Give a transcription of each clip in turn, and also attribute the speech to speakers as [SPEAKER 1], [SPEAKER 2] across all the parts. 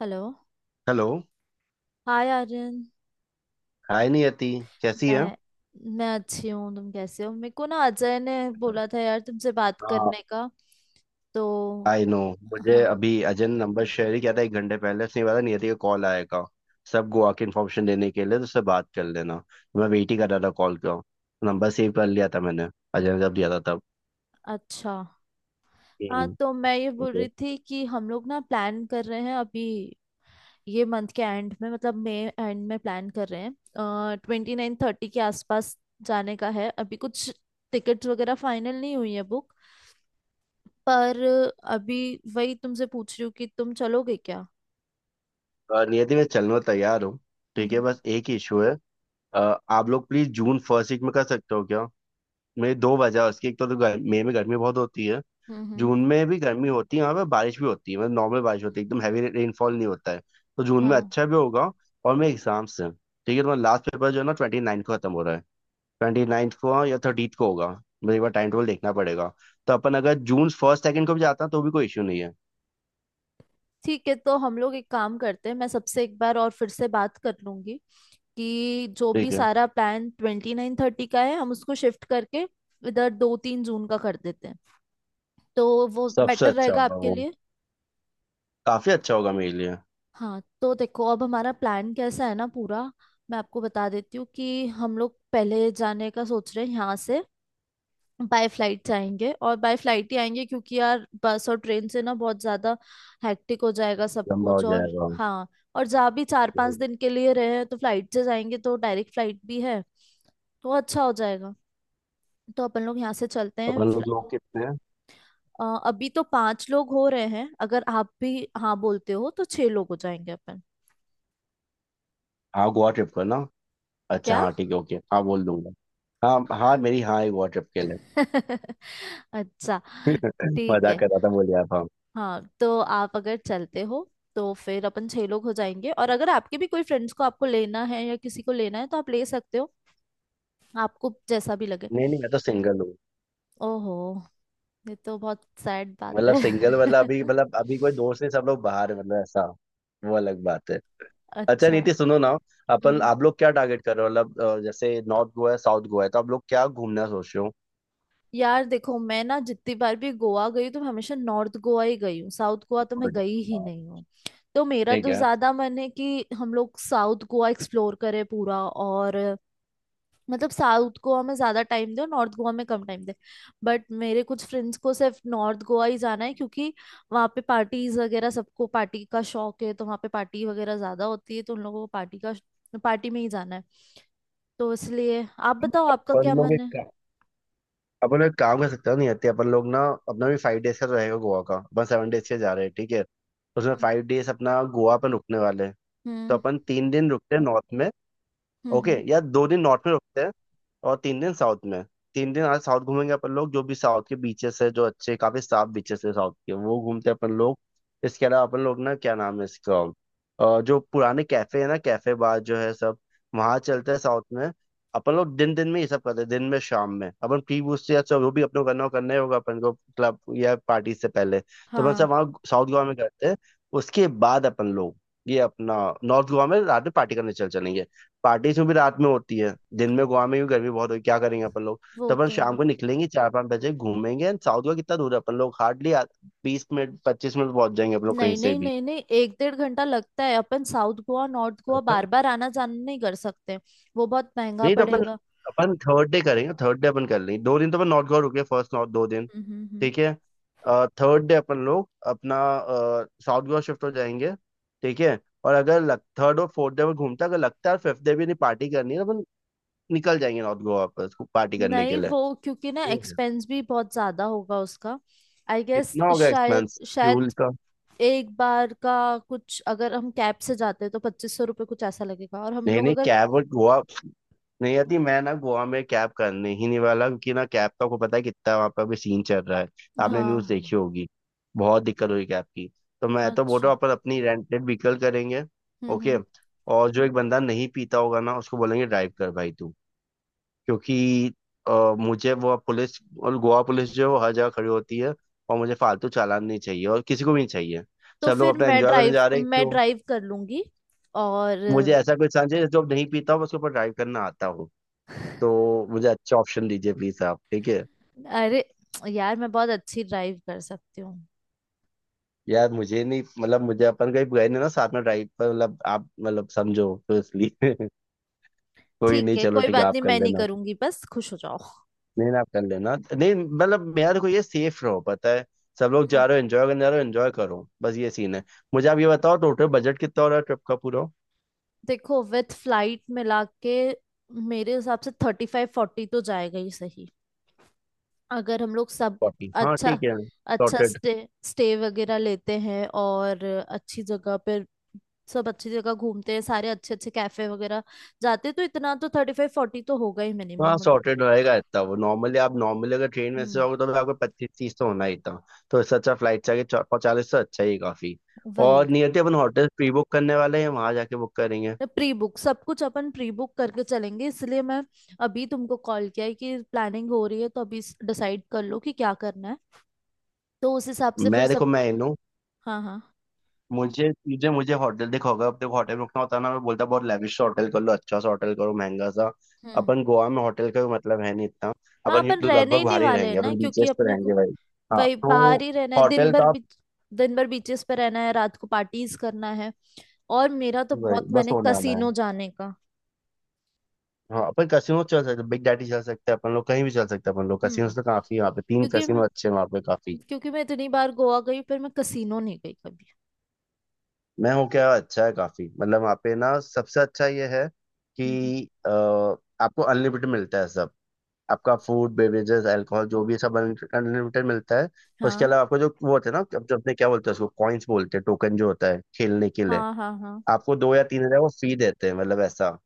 [SPEAKER 1] Hello.
[SPEAKER 2] Hello.
[SPEAKER 1] Hi Aryan.
[SPEAKER 2] Hi Niyati, कैसी है।
[SPEAKER 1] मैं मैं अच्छी हूँ, तुम कैसे हो? मेरे को ना अजय ने बोला था यार तुमसे बात
[SPEAKER 2] हाँ,
[SPEAKER 1] करने का, तो
[SPEAKER 2] आई नो। मुझे
[SPEAKER 1] हाँ।
[SPEAKER 2] अभी अजय ने नंबर शेयर ही किया था, 1 घंटे पहले उसने बोला नियति का कॉल आएगा, सब गोवा की इन्फॉर्मेशन देने के लिए, तो उससे बात कर लेना। तो मैं वेट ही कर रहा था कॉल का। नंबर सेव कर लिया था मैंने, अजय ने जब दिया था तब।
[SPEAKER 1] अच्छा, हाँ
[SPEAKER 2] हम्म,
[SPEAKER 1] तो मैं ये बोल
[SPEAKER 2] okay।
[SPEAKER 1] रही थी कि हम लोग ना प्लान कर रहे हैं अभी, ये मंथ के एंड में, मतलब मई एंड में प्लान कर रहे हैं 29 30 के आसपास जाने का है। अभी कुछ टिकट्स वगैरह फाइनल नहीं हुई है बुक, पर अभी वही तुमसे पूछ रही हूँ कि तुम चलोगे क्या।
[SPEAKER 2] नियति, मैं चलने को तैयार हूँ। ठीक है,
[SPEAKER 1] हम्म
[SPEAKER 2] बस एक इशू है। अ, आप लोग प्लीज जून फर्स्ट वीक में कर सकते हो क्या। मेरी दो वजह है उसकी। एक तो, मई में गर्मी बहुत होती है।
[SPEAKER 1] हम्म हम्म हम्म,
[SPEAKER 2] जून में भी गर्मी होती है वहाँ पे, बारिश भी होती है, मतलब नॉर्मल बारिश होती है, एकदम हैवी रेनफॉल नहीं होता है। तो जून में
[SPEAKER 1] हाँ।
[SPEAKER 2] अच्छा भी होगा। और मेरे एग्जाम से ठीक है, तुम्हारा लास्ट पेपर जो है ना 29th को खत्म हो रहा है। 29th को, हाँ, या 30th को होगा, मुझे एक बार टाइम टेबल देखना पड़ेगा। तो अपन अगर जून फर्स्ट सेकंड को भी जाता है तो भी कोई इश्यू नहीं है।
[SPEAKER 1] ठीक है, तो हम लोग एक काम करते हैं, मैं सबसे एक बार और फिर से बात कर लूंगी कि जो भी
[SPEAKER 2] ठीक है।
[SPEAKER 1] सारा प्लान 29 30 का है हम उसको शिफ्ट करके इधर 2 3 जून का कर देते हैं, तो वो
[SPEAKER 2] सबसे
[SPEAKER 1] बेटर
[SPEAKER 2] अच्छा
[SPEAKER 1] रहेगा
[SPEAKER 2] होगा
[SPEAKER 1] आपके
[SPEAKER 2] वो।
[SPEAKER 1] लिए।
[SPEAKER 2] काफी अच्छा होगा मेरे लिए।
[SPEAKER 1] हाँ, तो देखो अब हमारा प्लान कैसा है ना पूरा, मैं आपको बता देती हूँ कि हम लोग पहले जाने का सोच रहे हैं यहाँ से बाय फ्लाइट से आएंगे और बाय फ्लाइट ही आएंगे क्योंकि यार बस और ट्रेन से ना बहुत ज्यादा हैक्टिक हो जाएगा सब
[SPEAKER 2] लंबा हो
[SPEAKER 1] कुछ, और
[SPEAKER 2] जाएगा।
[SPEAKER 1] हाँ, और जहाँ भी चार पांच
[SPEAKER 2] हम्म।
[SPEAKER 1] दिन के लिए रहे हैं तो फ्लाइट से जाएंगे, तो डायरेक्ट फ्लाइट भी है तो अच्छा हो जाएगा। तो अपन लोग यहाँ से चलते हैं
[SPEAKER 2] अपन लोग लोग कितने हैं।
[SPEAKER 1] अ, अभी तो पांच लोग हो रहे हैं, अगर आप भी हाँ बोलते हो तो छह लोग हो जाएंगे अपन।
[SPEAKER 2] हाँ गोवा ट्रिप करना। अच्छा
[SPEAKER 1] क्या?
[SPEAKER 2] हाँ ठीक है ओके, हाँ बोल दूंगा। हाँ हाँ, मेरी हाँ है गोवा ट्रिप के लिए।
[SPEAKER 1] अच्छा। ठीक
[SPEAKER 2] मजाक
[SPEAKER 1] है,
[SPEAKER 2] कर रहा था, बोल यार था।
[SPEAKER 1] हाँ तो आप अगर चलते हो तो फिर अपन छह लोग हो जाएंगे, और अगर आपके भी कोई फ्रेंड्स को आपको लेना है या किसी को लेना है तो आप ले सकते हो, आपको जैसा भी लगे।
[SPEAKER 2] नहीं नहीं, मैं तो सिंगल हूँ।
[SPEAKER 1] ओहो, ये तो बहुत सैड बात
[SPEAKER 2] मतलब सिंगल मतलब अभी,
[SPEAKER 1] है।
[SPEAKER 2] मतलब अभी कोई दोस्त नहीं, सब लोग बाहर हैं, मतलब ऐसा। वो अलग बात है। अच्छा
[SPEAKER 1] अच्छा।
[SPEAKER 2] नीति, सुनो ना। अपन
[SPEAKER 1] हम्म।
[SPEAKER 2] आप लोग क्या टारगेट कर रहे हो, मतलब जैसे नॉर्थ गोवा है साउथ गोवा है, तो आप लोग क्या घूमना सोच रहे हो।
[SPEAKER 1] यार देखो, मैं ना जितनी बार भी गोवा गई तो मैं हमेशा नॉर्थ गोवा ही गई हूँ, साउथ गोवा तो मैं
[SPEAKER 2] Good।
[SPEAKER 1] गई ही
[SPEAKER 2] हाँ।
[SPEAKER 1] नहीं हूँ। तो मेरा
[SPEAKER 2] ठीक
[SPEAKER 1] तो
[SPEAKER 2] है।
[SPEAKER 1] ज्यादा मन है कि हम लोग साउथ गोवा एक्सप्लोर करें पूरा, और मतलब साउथ गोवा में ज्यादा टाइम दे और नॉर्थ गोवा में कम टाइम दे। बट मेरे कुछ फ्रेंड्स को सिर्फ नॉर्थ गोवा ही जाना है क्योंकि वहाँ पे पार्टीज वगैरह, सबको पार्टी का शौक है तो वहाँ पे पार्टी वगैरह ज्यादा होती है, तो उन लोगों को पार्टी का, पार्टी में ही जाना है। तो इसलिए आप बताओ आपका
[SPEAKER 2] अपन
[SPEAKER 1] क्या
[SPEAKER 2] लोग
[SPEAKER 1] मन
[SPEAKER 2] एक
[SPEAKER 1] है।
[SPEAKER 2] का- अपन लोग एक काम कर सकते हो, नहीं आते अपन लोग ना। अपना भी 5 days का तो रहेगा गोवा का, अपन 7 days के जा रहे हैं, ठीक है, उसमें
[SPEAKER 1] हम्म
[SPEAKER 2] 5 days अपना गोवा पर रुकने वाले हैं। तो
[SPEAKER 1] हम्म
[SPEAKER 2] अपन 3 दिन रुकते हैं नॉर्थ में।
[SPEAKER 1] हम्म
[SPEAKER 2] ओके,
[SPEAKER 1] हम्म,
[SPEAKER 2] या 2 दिन नॉर्थ में रुकते हैं और 3 दिन साउथ में। 3 दिन आज साउथ घूमेंगे अपन लोग, जो भी साउथ के बीचेस है जो अच्छे काफी साफ बीचेस है साउथ के, वो घूमते हैं अपन लोग। इसके अलावा अपन लोग ना, क्या नाम है इसका, जो पुराने कैफे है ना, कैफे बार जो है सब, वहां चलते हैं साउथ में। अपन लोग दिन दिन में ये सब करते हैं, दिन में, शाम में अपन प्री बूस्ट या सब जो भी अपने को करना हो, करना ही होगा अपन को क्लब या पार्टी से पहले, तो अपन
[SPEAKER 1] हाँ।
[SPEAKER 2] सब वहाँ साउथ गोवा में करते हैं। उसके बाद अपन लोग, ये अपना, नॉर्थ गोवा में रात में पार्टी करने चल चलेंगे। पार्टी से भी रात में होती है, दिन में गोवा में भी गर्मी बहुत होगी, क्या करेंगे अपन लोग।
[SPEAKER 1] वो
[SPEAKER 2] तो अपन
[SPEAKER 1] तो
[SPEAKER 2] शाम
[SPEAKER 1] है।
[SPEAKER 2] को निकलेंगे, 4-5 बजे घूमेंगे, एंड साउथ का कितना दूर है, अपन लोग हार्डली 20 मिनट 25 मिनट पहुंच जाएंगे अपन लोग कहीं
[SPEAKER 1] नहीं
[SPEAKER 2] से
[SPEAKER 1] नहीं
[SPEAKER 2] भी।
[SPEAKER 1] नहीं नहीं, 1 1.5 घंटा लगता है, अपन साउथ गोवा नॉर्थ गोवा
[SPEAKER 2] अच्छा।
[SPEAKER 1] बार बार आना जाना नहीं कर सकते, वो बहुत महंगा
[SPEAKER 2] नहीं तो अपन,
[SPEAKER 1] पड़ेगा।
[SPEAKER 2] अपन थर्ड डे करेंगे थर्ड डे अपन कर लेंगे, दो दिन तो अपन नॉर्थ गोवा रुके फर्स्ट, नॉर्थ 2 दिन।
[SPEAKER 1] हम्म हम्म हम्म।
[SPEAKER 2] ठीक है। थर्ड डे अपन लोग अपना साउथ गोवा शिफ्ट हो जाएंगे। ठीक है। और अगर लग, थर्ड और फोर्थ डे में घूमता, अगर लगता है फिफ्थ डे भी नहीं पार्टी करनी है, तो अपन निकल जाएंगे नॉर्थ गोवा वापस पार्टी करने के
[SPEAKER 1] नहीं,
[SPEAKER 2] लिए।
[SPEAKER 1] वो क्योंकि ना एक्सपेंस भी बहुत ज्यादा होगा उसका, आई गेस,
[SPEAKER 2] कितना होगा
[SPEAKER 1] शायद
[SPEAKER 2] एक्सपेंस
[SPEAKER 1] शायद।
[SPEAKER 2] फ्यूल का।
[SPEAKER 1] एक बार का कुछ अगर हम कैब से जाते हैं तो 2500 रुपये कुछ ऐसा लगेगा, और हम
[SPEAKER 2] नहीं
[SPEAKER 1] लोग
[SPEAKER 2] नहीं,
[SPEAKER 1] अगर...
[SPEAKER 2] कैब और गोवा नहीं आती, मैं ना गोवा में कैब करने ही नहीं वाला, क्योंकि ना कैब का आपको पता है कितना वहाँ पर अभी सीन चल रहा है, आपने न्यूज़
[SPEAKER 1] हाँ।
[SPEAKER 2] देखी होगी, बहुत दिक्कत हुई कैब की। तो मैं तो बोल रहा
[SPEAKER 1] अच्छा।
[SPEAKER 2] हूँ अपन अपनी रेंटेड व्हीकल करेंगे। ओके।
[SPEAKER 1] हम्म।
[SPEAKER 2] और जो एक बंदा नहीं पीता होगा ना, उसको बोलेंगे ड्राइव कर भाई तू, क्योंकि मुझे वो पुलिस, और गोवा पुलिस जो है वो हर जगह खड़ी होती है, और मुझे फालतू चालान नहीं चाहिए और किसी को भी नहीं चाहिए।
[SPEAKER 1] तो
[SPEAKER 2] सब लोग
[SPEAKER 1] फिर
[SPEAKER 2] अपना
[SPEAKER 1] मैं
[SPEAKER 2] एंजॉय करने
[SPEAKER 1] ड्राइव
[SPEAKER 2] जा रहे हैं।
[SPEAKER 1] मैं ड्राइव कर लूंगी। और
[SPEAKER 2] मुझे ऐसा, कोई सांचे जो नहीं पीता हूँ उसके ऊपर ड्राइव करना आता हूँ, तो मुझे अच्छा ऑप्शन दीजिए प्लीज आप, ठीक है।
[SPEAKER 1] अरे यार, मैं बहुत अच्छी ड्राइव कर सकती हूँ।
[SPEAKER 2] यार मुझे नहीं, मतलब मुझे अपन कहीं गए नहीं ना साथ में ड्राइव पर, मतलब आप मतलब समझो तो इसलिए कोई
[SPEAKER 1] ठीक
[SPEAKER 2] नहीं,
[SPEAKER 1] है,
[SPEAKER 2] चलो
[SPEAKER 1] कोई
[SPEAKER 2] ठीक है
[SPEAKER 1] बात
[SPEAKER 2] आप
[SPEAKER 1] नहीं,
[SPEAKER 2] कर
[SPEAKER 1] मैं नहीं
[SPEAKER 2] लेना।
[SPEAKER 1] करूंगी, बस खुश हो जाओ।
[SPEAKER 2] नहीं ना आप कर लेना, नहीं मतलब मेरा देखो ये सेफ रहो, पता है सब लोग
[SPEAKER 1] हम्म।
[SPEAKER 2] जा रहे हो एंजॉय करने जा रहे हो, एंजॉय करो, बस ये सीन है। मुझे आप ये बताओ टोटल बजट कितना हो रहा है ट्रिप का पूरा।
[SPEAKER 1] देखो विथ फ्लाइट मिला के, मेरे हिसाब से 35 40 तो जाएगा ही सही, अगर हम लोग सब
[SPEAKER 2] फोर्टी, हाँ
[SPEAKER 1] अच्छा
[SPEAKER 2] ठीक है
[SPEAKER 1] अच्छा
[SPEAKER 2] सॉर्टेड।
[SPEAKER 1] स्टे स्टे वगैरह लेते हैं और अच्छी जगह पर सब अच्छी जगह घूमते हैं, सारे अच्छे अच्छे कैफे वगैरह जाते हैं, तो इतना तो 35 40 तो होगा ही,
[SPEAKER 2] हाँ
[SPEAKER 1] मिनिमम।
[SPEAKER 2] सॉर्टेड रहेगा इतना। वो नॉर्मली, आप नॉर्मली अगर ट्रेन में से
[SPEAKER 1] हम्म।
[SPEAKER 2] जाओगे तो भी आपको 25-30 तो होना ही था, तो इससे अच्छा फ्लाइट से आगे, 40 तो अच्छा ही है काफी।
[SPEAKER 1] वही।
[SPEAKER 2] और नियति अपन होटल प्री बुक करने वाले हैं, वहां जाके बुक करेंगे।
[SPEAKER 1] प्री बुक, सब कुछ अपन प्री बुक करके चलेंगे, इसलिए मैं अभी तुमको कॉल किया है कि प्लानिंग हो रही है, तो अभी डिसाइड कर लो कि क्या करना है, तो उस हिसाब से फिर
[SPEAKER 2] मैं,
[SPEAKER 1] सब।
[SPEAKER 2] देखो मैं इन हूँ।
[SPEAKER 1] हाँ हाँ।
[SPEAKER 2] मुझे मुझे मुझे होटल देखोगे, अब देखो अगर अपने होटल में रुकना होता है ना, मैं बोलता बहुत लेविश होटल कर लो, अच्छा सा होटल करो महंगा सा।
[SPEAKER 1] हम्म।
[SPEAKER 2] अपन गोवा में होटल का भी मतलब है नहीं इतना।
[SPEAKER 1] हाँ,
[SPEAKER 2] अपन ये
[SPEAKER 1] अपन
[SPEAKER 2] तो
[SPEAKER 1] रहने
[SPEAKER 2] लगभग
[SPEAKER 1] ही नहीं
[SPEAKER 2] बाहर ही
[SPEAKER 1] वाले हैं
[SPEAKER 2] रहेंगे,
[SPEAKER 1] ना,
[SPEAKER 2] अपन
[SPEAKER 1] क्योंकि
[SPEAKER 2] बीचेस पे
[SPEAKER 1] अपने को
[SPEAKER 2] रहेंगे भाई। हाँ
[SPEAKER 1] वही
[SPEAKER 2] तो
[SPEAKER 1] बाहर ही रहना है, दिन
[SPEAKER 2] होटल
[SPEAKER 1] भर
[SPEAKER 2] का।
[SPEAKER 1] बीच, दिन भर बीचेस पे रहना है, रात को पार्टीज करना है। और मेरा तो
[SPEAKER 2] भाई,
[SPEAKER 1] बहुत
[SPEAKER 2] बस
[SPEAKER 1] मन है
[SPEAKER 2] होने वाला है।
[SPEAKER 1] कसीनो जाने का।
[SPEAKER 2] हाँ, अपन कैसीनो चल सकते, बिग डैडी चल सकते हैं अपन लोग, कहीं भी चल सकते हैं अपन लोग, कैसीनो
[SPEAKER 1] हम्म।
[SPEAKER 2] तो काफी है वहाँ पे, तीन
[SPEAKER 1] क्योंकि
[SPEAKER 2] कैसीनो
[SPEAKER 1] मैं
[SPEAKER 2] अच्छे हैं वहाँ पे काफी।
[SPEAKER 1] क्योंकि मैं इतनी बार गोवा गई पर मैं कसीनो नहीं गई कभी।
[SPEAKER 2] मैं हूँ क्या, अच्छा है काफी, मतलब वहाँ पे ना सबसे अच्छा ये है
[SPEAKER 1] हम्म।
[SPEAKER 2] कि आपको अनलिमिटेड मिलता है सब, आपका फूड, बेवरेजेस, अल्कोहल जो भी है सब अनलिमिटेड मिलता है। उसके
[SPEAKER 1] हाँ
[SPEAKER 2] अलावा आपको जो वो होते हैं ना, जो अपने क्या बोलते हैं, उसको कॉइन्स बोलते हैं, टोकन जो होता है खेलने के लिए,
[SPEAKER 1] हाँ हाँ। हाँ।
[SPEAKER 2] आपको 2 या 3 हज़ार वो फ्री देते हैं, मतलब ऐसा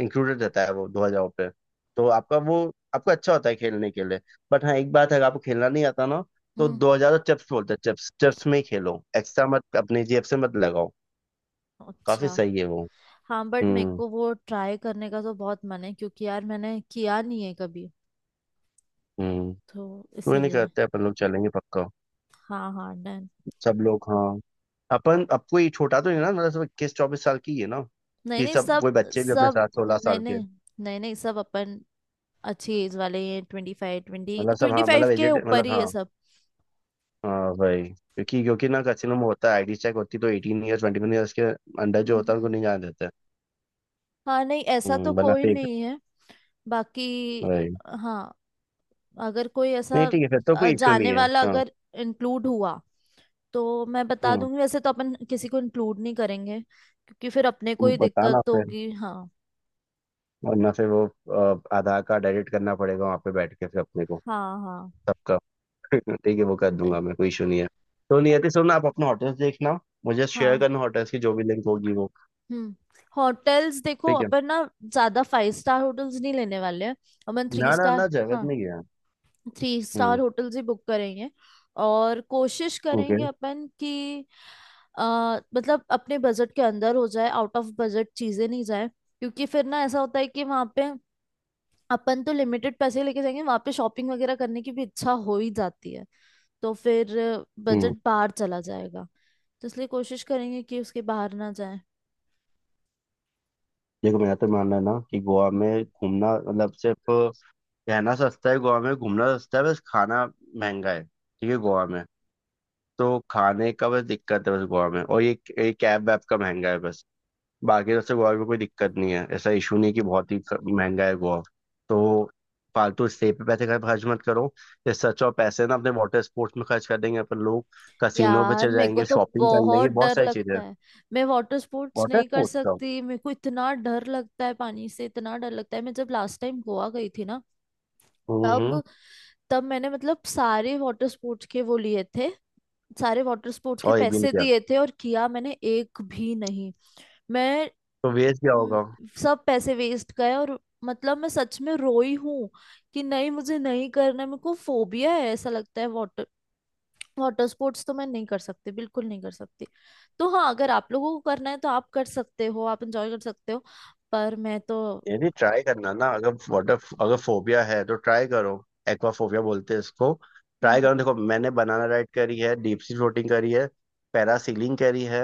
[SPEAKER 2] इंक्लूडेड रहता है वो 2000 पे। तो आपका वो, आपको अच्छा होता है खेलने के लिए। बट हाँ एक बात है, अगर आपको खेलना नहीं आता ना, तो
[SPEAKER 1] हम्म।
[SPEAKER 2] 2000 चिप्स बोलते हैं, चिप्स, चिप्स में ही खेलो, एक्स्ट्रा मत अपने जेब से मत लगाओ।
[SPEAKER 1] अच्छा।
[SPEAKER 2] काफी सही है वो।
[SPEAKER 1] हाँ बट मेरे
[SPEAKER 2] हम्म
[SPEAKER 1] को वो ट्राई करने का तो बहुत मन है क्योंकि यार मैंने किया नहीं है कभी,
[SPEAKER 2] हम्म।
[SPEAKER 1] तो
[SPEAKER 2] कोई नहीं,
[SPEAKER 1] इसीलिए।
[SPEAKER 2] करते हैं, अपन लोग चलेंगे पक्का।
[SPEAKER 1] हाँ हाँ, डन।
[SPEAKER 2] सब लोग हाँ। अपन अब कोई छोटा तो नहीं ना, मतलब सब 21-24 साल की ही है ना,
[SPEAKER 1] नहीं
[SPEAKER 2] कि
[SPEAKER 1] नहीं
[SPEAKER 2] सब
[SPEAKER 1] सब,
[SPEAKER 2] वो बच्चे भी अपने
[SPEAKER 1] सब
[SPEAKER 2] साथ सोलह
[SPEAKER 1] नहीं
[SPEAKER 2] साल के।
[SPEAKER 1] नहीं, नहीं नहीं सब अपन अच्छी एज वाले हैं, 25, ट्वेंटी
[SPEAKER 2] मतलब सब
[SPEAKER 1] ट्वेंटी
[SPEAKER 2] हाँ,
[SPEAKER 1] फाइव
[SPEAKER 2] मतलब
[SPEAKER 1] के
[SPEAKER 2] एजेड,
[SPEAKER 1] ऊपर
[SPEAKER 2] मतलब
[SPEAKER 1] ही है
[SPEAKER 2] हाँ।
[SPEAKER 1] सब।
[SPEAKER 2] हाँ भाई क्योंकि, ना कैसीनो में होता है आईडी चेक होती, तो 18 year 21 years के अंडर जो होता है उनको
[SPEAKER 1] हम्म।
[SPEAKER 2] नहीं जाने देते।
[SPEAKER 1] हाँ नहीं, ऐसा तो
[SPEAKER 2] हम्म, बना
[SPEAKER 1] कोई
[SPEAKER 2] फेक
[SPEAKER 1] नहीं है। बाकी,
[SPEAKER 2] भाई।
[SPEAKER 1] हाँ अगर कोई ऐसा
[SPEAKER 2] नहीं ठीक है, फिर तो कोई इश्यू
[SPEAKER 1] जाने
[SPEAKER 2] नहीं है।
[SPEAKER 1] वाला
[SPEAKER 2] हाँ।
[SPEAKER 1] अगर इंक्लूड हुआ तो मैं बता
[SPEAKER 2] हम्म।
[SPEAKER 1] दूंगी, वैसे तो अपन किसी को इंक्लूड नहीं करेंगे क्योंकि फिर अपने को
[SPEAKER 2] तुम
[SPEAKER 1] ही
[SPEAKER 2] बताना
[SPEAKER 1] दिक्कत
[SPEAKER 2] फिर,
[SPEAKER 1] होगी, हाँ।
[SPEAKER 2] वरना फिर वो आधार कार्ड एडिट करना पड़ेगा वहाँ पे बैठ के फिर अपने को
[SPEAKER 1] हाँ हाँ।
[SPEAKER 2] सबका। ठीक है वो कर
[SPEAKER 1] वे-
[SPEAKER 2] दूंगा मैं, कोई इशू नहीं है। तो नियति सुन, आप अपना होटल्स देखना, मुझे शेयर
[SPEAKER 1] हाँ।
[SPEAKER 2] करना होटल्स की जो भी लिंक होगी वो।
[SPEAKER 1] हम्म। होटल्स देखो,
[SPEAKER 2] ठीक है।
[SPEAKER 1] अपन ना ज्यादा फाइव स्टार होटल्स नहीं लेने वाले हैं, अपन थ्री
[SPEAKER 2] ना ना
[SPEAKER 1] स्टार,
[SPEAKER 2] ना जगत नहीं गया।
[SPEAKER 1] थ्री स्टार
[SPEAKER 2] हम्म।
[SPEAKER 1] होटल्स ही बुक करेंगे। और कोशिश
[SPEAKER 2] ओके।
[SPEAKER 1] करेंगे अपन कि मतलब अपने बजट के अंदर हो जाए, आउट ऑफ बजट चीजें नहीं जाए, क्योंकि फिर ना ऐसा होता है कि वहां पे अपन तो लिमिटेड पैसे लेके जाएंगे, वहां पे शॉपिंग वगैरह करने की भी इच्छा हो ही जाती है, तो फिर
[SPEAKER 2] हम्म।
[SPEAKER 1] बजट बाहर चला जाएगा, तो इसलिए कोशिश करेंगे कि उसके बाहर ना जाए।
[SPEAKER 2] देखो मेरा तो मानना है ना कि गोवा में घूमना मतलब सिर्फ, रहना सस्ता है गोवा में, घूमना सस्ता है, बस खाना महंगा है ठीक है गोवा में, तो खाने का बस दिक्कत है बस गोवा में, और ये कैब वैब का महंगा है बस। बाकी सबसे गोवा में कोई दिक्कत नहीं है, ऐसा इशू नहीं कि बहुत ही महंगा है गोवा। तो फालतू स्टे पे पैसे खर्च मत करो। इससे अच्छा और पैसे ना अपने वाटर स्पोर्ट्स में खर्च कर देंगे अपन लोग, कसिनो पे
[SPEAKER 1] यार
[SPEAKER 2] चले
[SPEAKER 1] मेरे को
[SPEAKER 2] जाएंगे,
[SPEAKER 1] तो
[SPEAKER 2] शॉपिंग कर लेंगे,
[SPEAKER 1] बहुत
[SPEAKER 2] बहुत
[SPEAKER 1] डर
[SPEAKER 2] सारी चीजें
[SPEAKER 1] लगता
[SPEAKER 2] हैं।
[SPEAKER 1] है, मैं वाटर स्पोर्ट्स
[SPEAKER 2] वाटर
[SPEAKER 1] नहीं कर
[SPEAKER 2] स्पोर्ट्स का।
[SPEAKER 1] सकती, मेरे को इतना डर लगता है, पानी से इतना डर लगता है। मैं जब लास्ट टाइम गोवा गई थी ना,
[SPEAKER 2] हम्म।
[SPEAKER 1] तब तब मैंने मतलब सारे वाटर स्पोर्ट्स के वो लिए थे, सारे वाटर स्पोर्ट्स के
[SPEAKER 2] और एक भी नहीं
[SPEAKER 1] पैसे
[SPEAKER 2] किया,
[SPEAKER 1] दिए थे, और किया मैंने एक भी नहीं। मैं
[SPEAKER 2] तो वेस्ट क्या
[SPEAKER 1] म,
[SPEAKER 2] होगा।
[SPEAKER 1] सब पैसे वेस्ट गए, और मतलब मैं सच में रोई हूँ कि नहीं मुझे नहीं करना है। मेरे को फोबिया है ऐसा लगता है, वाटर वाटर स्पोर्ट्स तो मैं नहीं कर सकती, बिल्कुल नहीं कर सकती। तो हाँ, अगर आप लोगों को करना है तो आप कर सकते हो, आप एंजॉय कर सकते हो, पर मैं तो...
[SPEAKER 2] ये भी ट्राई करना ना, अगर फोबिया है तो ट्राई करो, एक्वाफोबिया बोलते हैं इसको, ट्राई
[SPEAKER 1] हम्म।
[SPEAKER 2] करो। देखो मैंने बनाना राइड करी है, डीप सी फ्लोटिंग करी है, पैरासीलिंग करी है।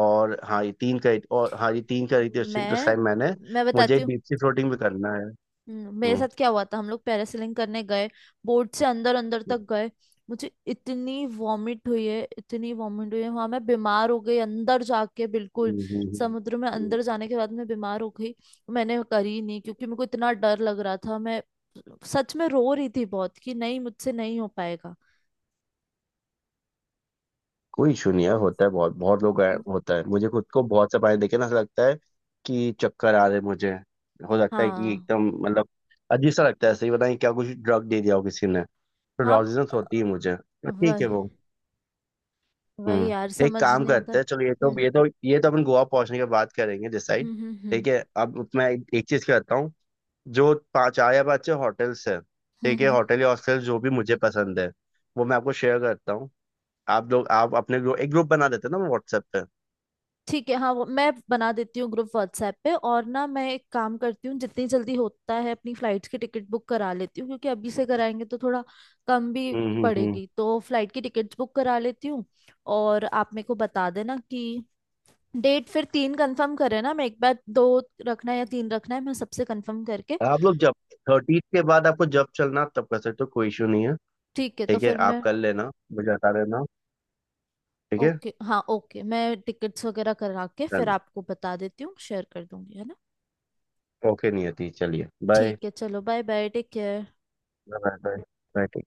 [SPEAKER 2] और हाँ ये तीन करी थी उस दिन, तो उस
[SPEAKER 1] मैं
[SPEAKER 2] टाइम मैंने।
[SPEAKER 1] मैं बताती
[SPEAKER 2] मुझे
[SPEAKER 1] हूँ।
[SPEAKER 2] डीप सी फ्लोटिंग भी करना है।
[SPEAKER 1] मेरे
[SPEAKER 2] हम्म,
[SPEAKER 1] साथ क्या हुआ था, हम लोग पैरासेलिंग करने गए, बोर्ड से अंदर अंदर
[SPEAKER 2] हम्म,
[SPEAKER 1] तक गए, मुझे इतनी वॉमिट हुई है, इतनी वॉमिट हुई है वहां, मैं बीमार हो गई अंदर जाके, बिल्कुल
[SPEAKER 2] हम्म।
[SPEAKER 1] समुद्र में
[SPEAKER 2] हम्म।
[SPEAKER 1] अंदर जाने के बाद मैं बीमार हो गई। मैंने करी नहीं क्योंकि मेरे को इतना डर लग रहा था, मैं सच में रो रही थी बहुत कि नहीं मुझसे नहीं हो पाएगा।
[SPEAKER 2] कोई इशू नहीं है,
[SPEAKER 1] अच्छा।
[SPEAKER 2] होता है, बहुत बहुत लोग हैं, होता है। मुझे खुद को बहुत से पानी देखे ना ऐसा लगता है कि चक्कर आ रहे हैं मुझे। हो सकता है कि
[SPEAKER 1] हाँ
[SPEAKER 2] एकदम, मतलब अजीब सा लगता है, सही बताएं क्या, कुछ ड्रग दे दिया हो किसी ने।
[SPEAKER 1] हाँ।
[SPEAKER 2] नॉलेजेंस होती है मुझे, ठीक है
[SPEAKER 1] वही
[SPEAKER 2] वो।
[SPEAKER 1] वही
[SPEAKER 2] हम्म।
[SPEAKER 1] यार,
[SPEAKER 2] एक
[SPEAKER 1] समझ
[SPEAKER 2] काम
[SPEAKER 1] नहीं आता।
[SPEAKER 2] करते हैं, चलो, ये तो
[SPEAKER 1] हम्म
[SPEAKER 2] ये तो ये तो अपन गोवा पहुंचने के बाद करेंगे डिसाइड।
[SPEAKER 1] हम्म हम्म हम्म
[SPEAKER 2] ठीक है, अब मैं एक चीज करता हूँ। जो पाँच, चार या पाँच छः होटल्स है,
[SPEAKER 1] हम्म
[SPEAKER 2] ठीक है,
[SPEAKER 1] हम्म।
[SPEAKER 2] होटल या हॉस्टल, जो भी मुझे पसंद है वो मैं आपको शेयर करता हूँ। आप लोग, आप अपने ग्रुप, एक ग्रुप बना देते हैं ना व्हाट्सएप पे।
[SPEAKER 1] ठीक है, हाँ वो मैं बना देती हूँ ग्रुप व्हाट्सएप पे, और ना मैं एक काम करती हूँ, जितनी जल्दी होता है अपनी फ्लाइट्स की टिकट बुक करा लेती हूँ, क्योंकि अभी से कराएंगे तो थोड़ा कम भी
[SPEAKER 2] हम्म हम्म हम्म।
[SPEAKER 1] पड़ेगी, तो फ्लाइट की टिकट्स बुक करा लेती हूँ। और आप मेरे को बता देना कि डेट, फिर तीन कंफर्म करें ना, मैं एक बार, दो रखना है या तीन रखना है, मैं सबसे कंफर्म करके।
[SPEAKER 2] आप लोग जब, 30th के बाद आपको जब चलना आप तब कर सकते हो, कोई इशू नहीं है।
[SPEAKER 1] ठीक है, तो
[SPEAKER 2] ठीक है
[SPEAKER 1] फिर
[SPEAKER 2] आप
[SPEAKER 1] मैं...
[SPEAKER 2] कर लेना, मुझे बता देना। ठीक है
[SPEAKER 1] ओके, हाँ ओके, मैं टिकट्स वगैरह करा के फिर
[SPEAKER 2] चलो।
[SPEAKER 1] आपको बता देती हूँ, शेयर कर दूंगी, है ना।
[SPEAKER 2] ओके नियति, चलिए बाय।
[SPEAKER 1] ठीक है, चलो bye bye, take care.
[SPEAKER 2] Bye bye. Bye.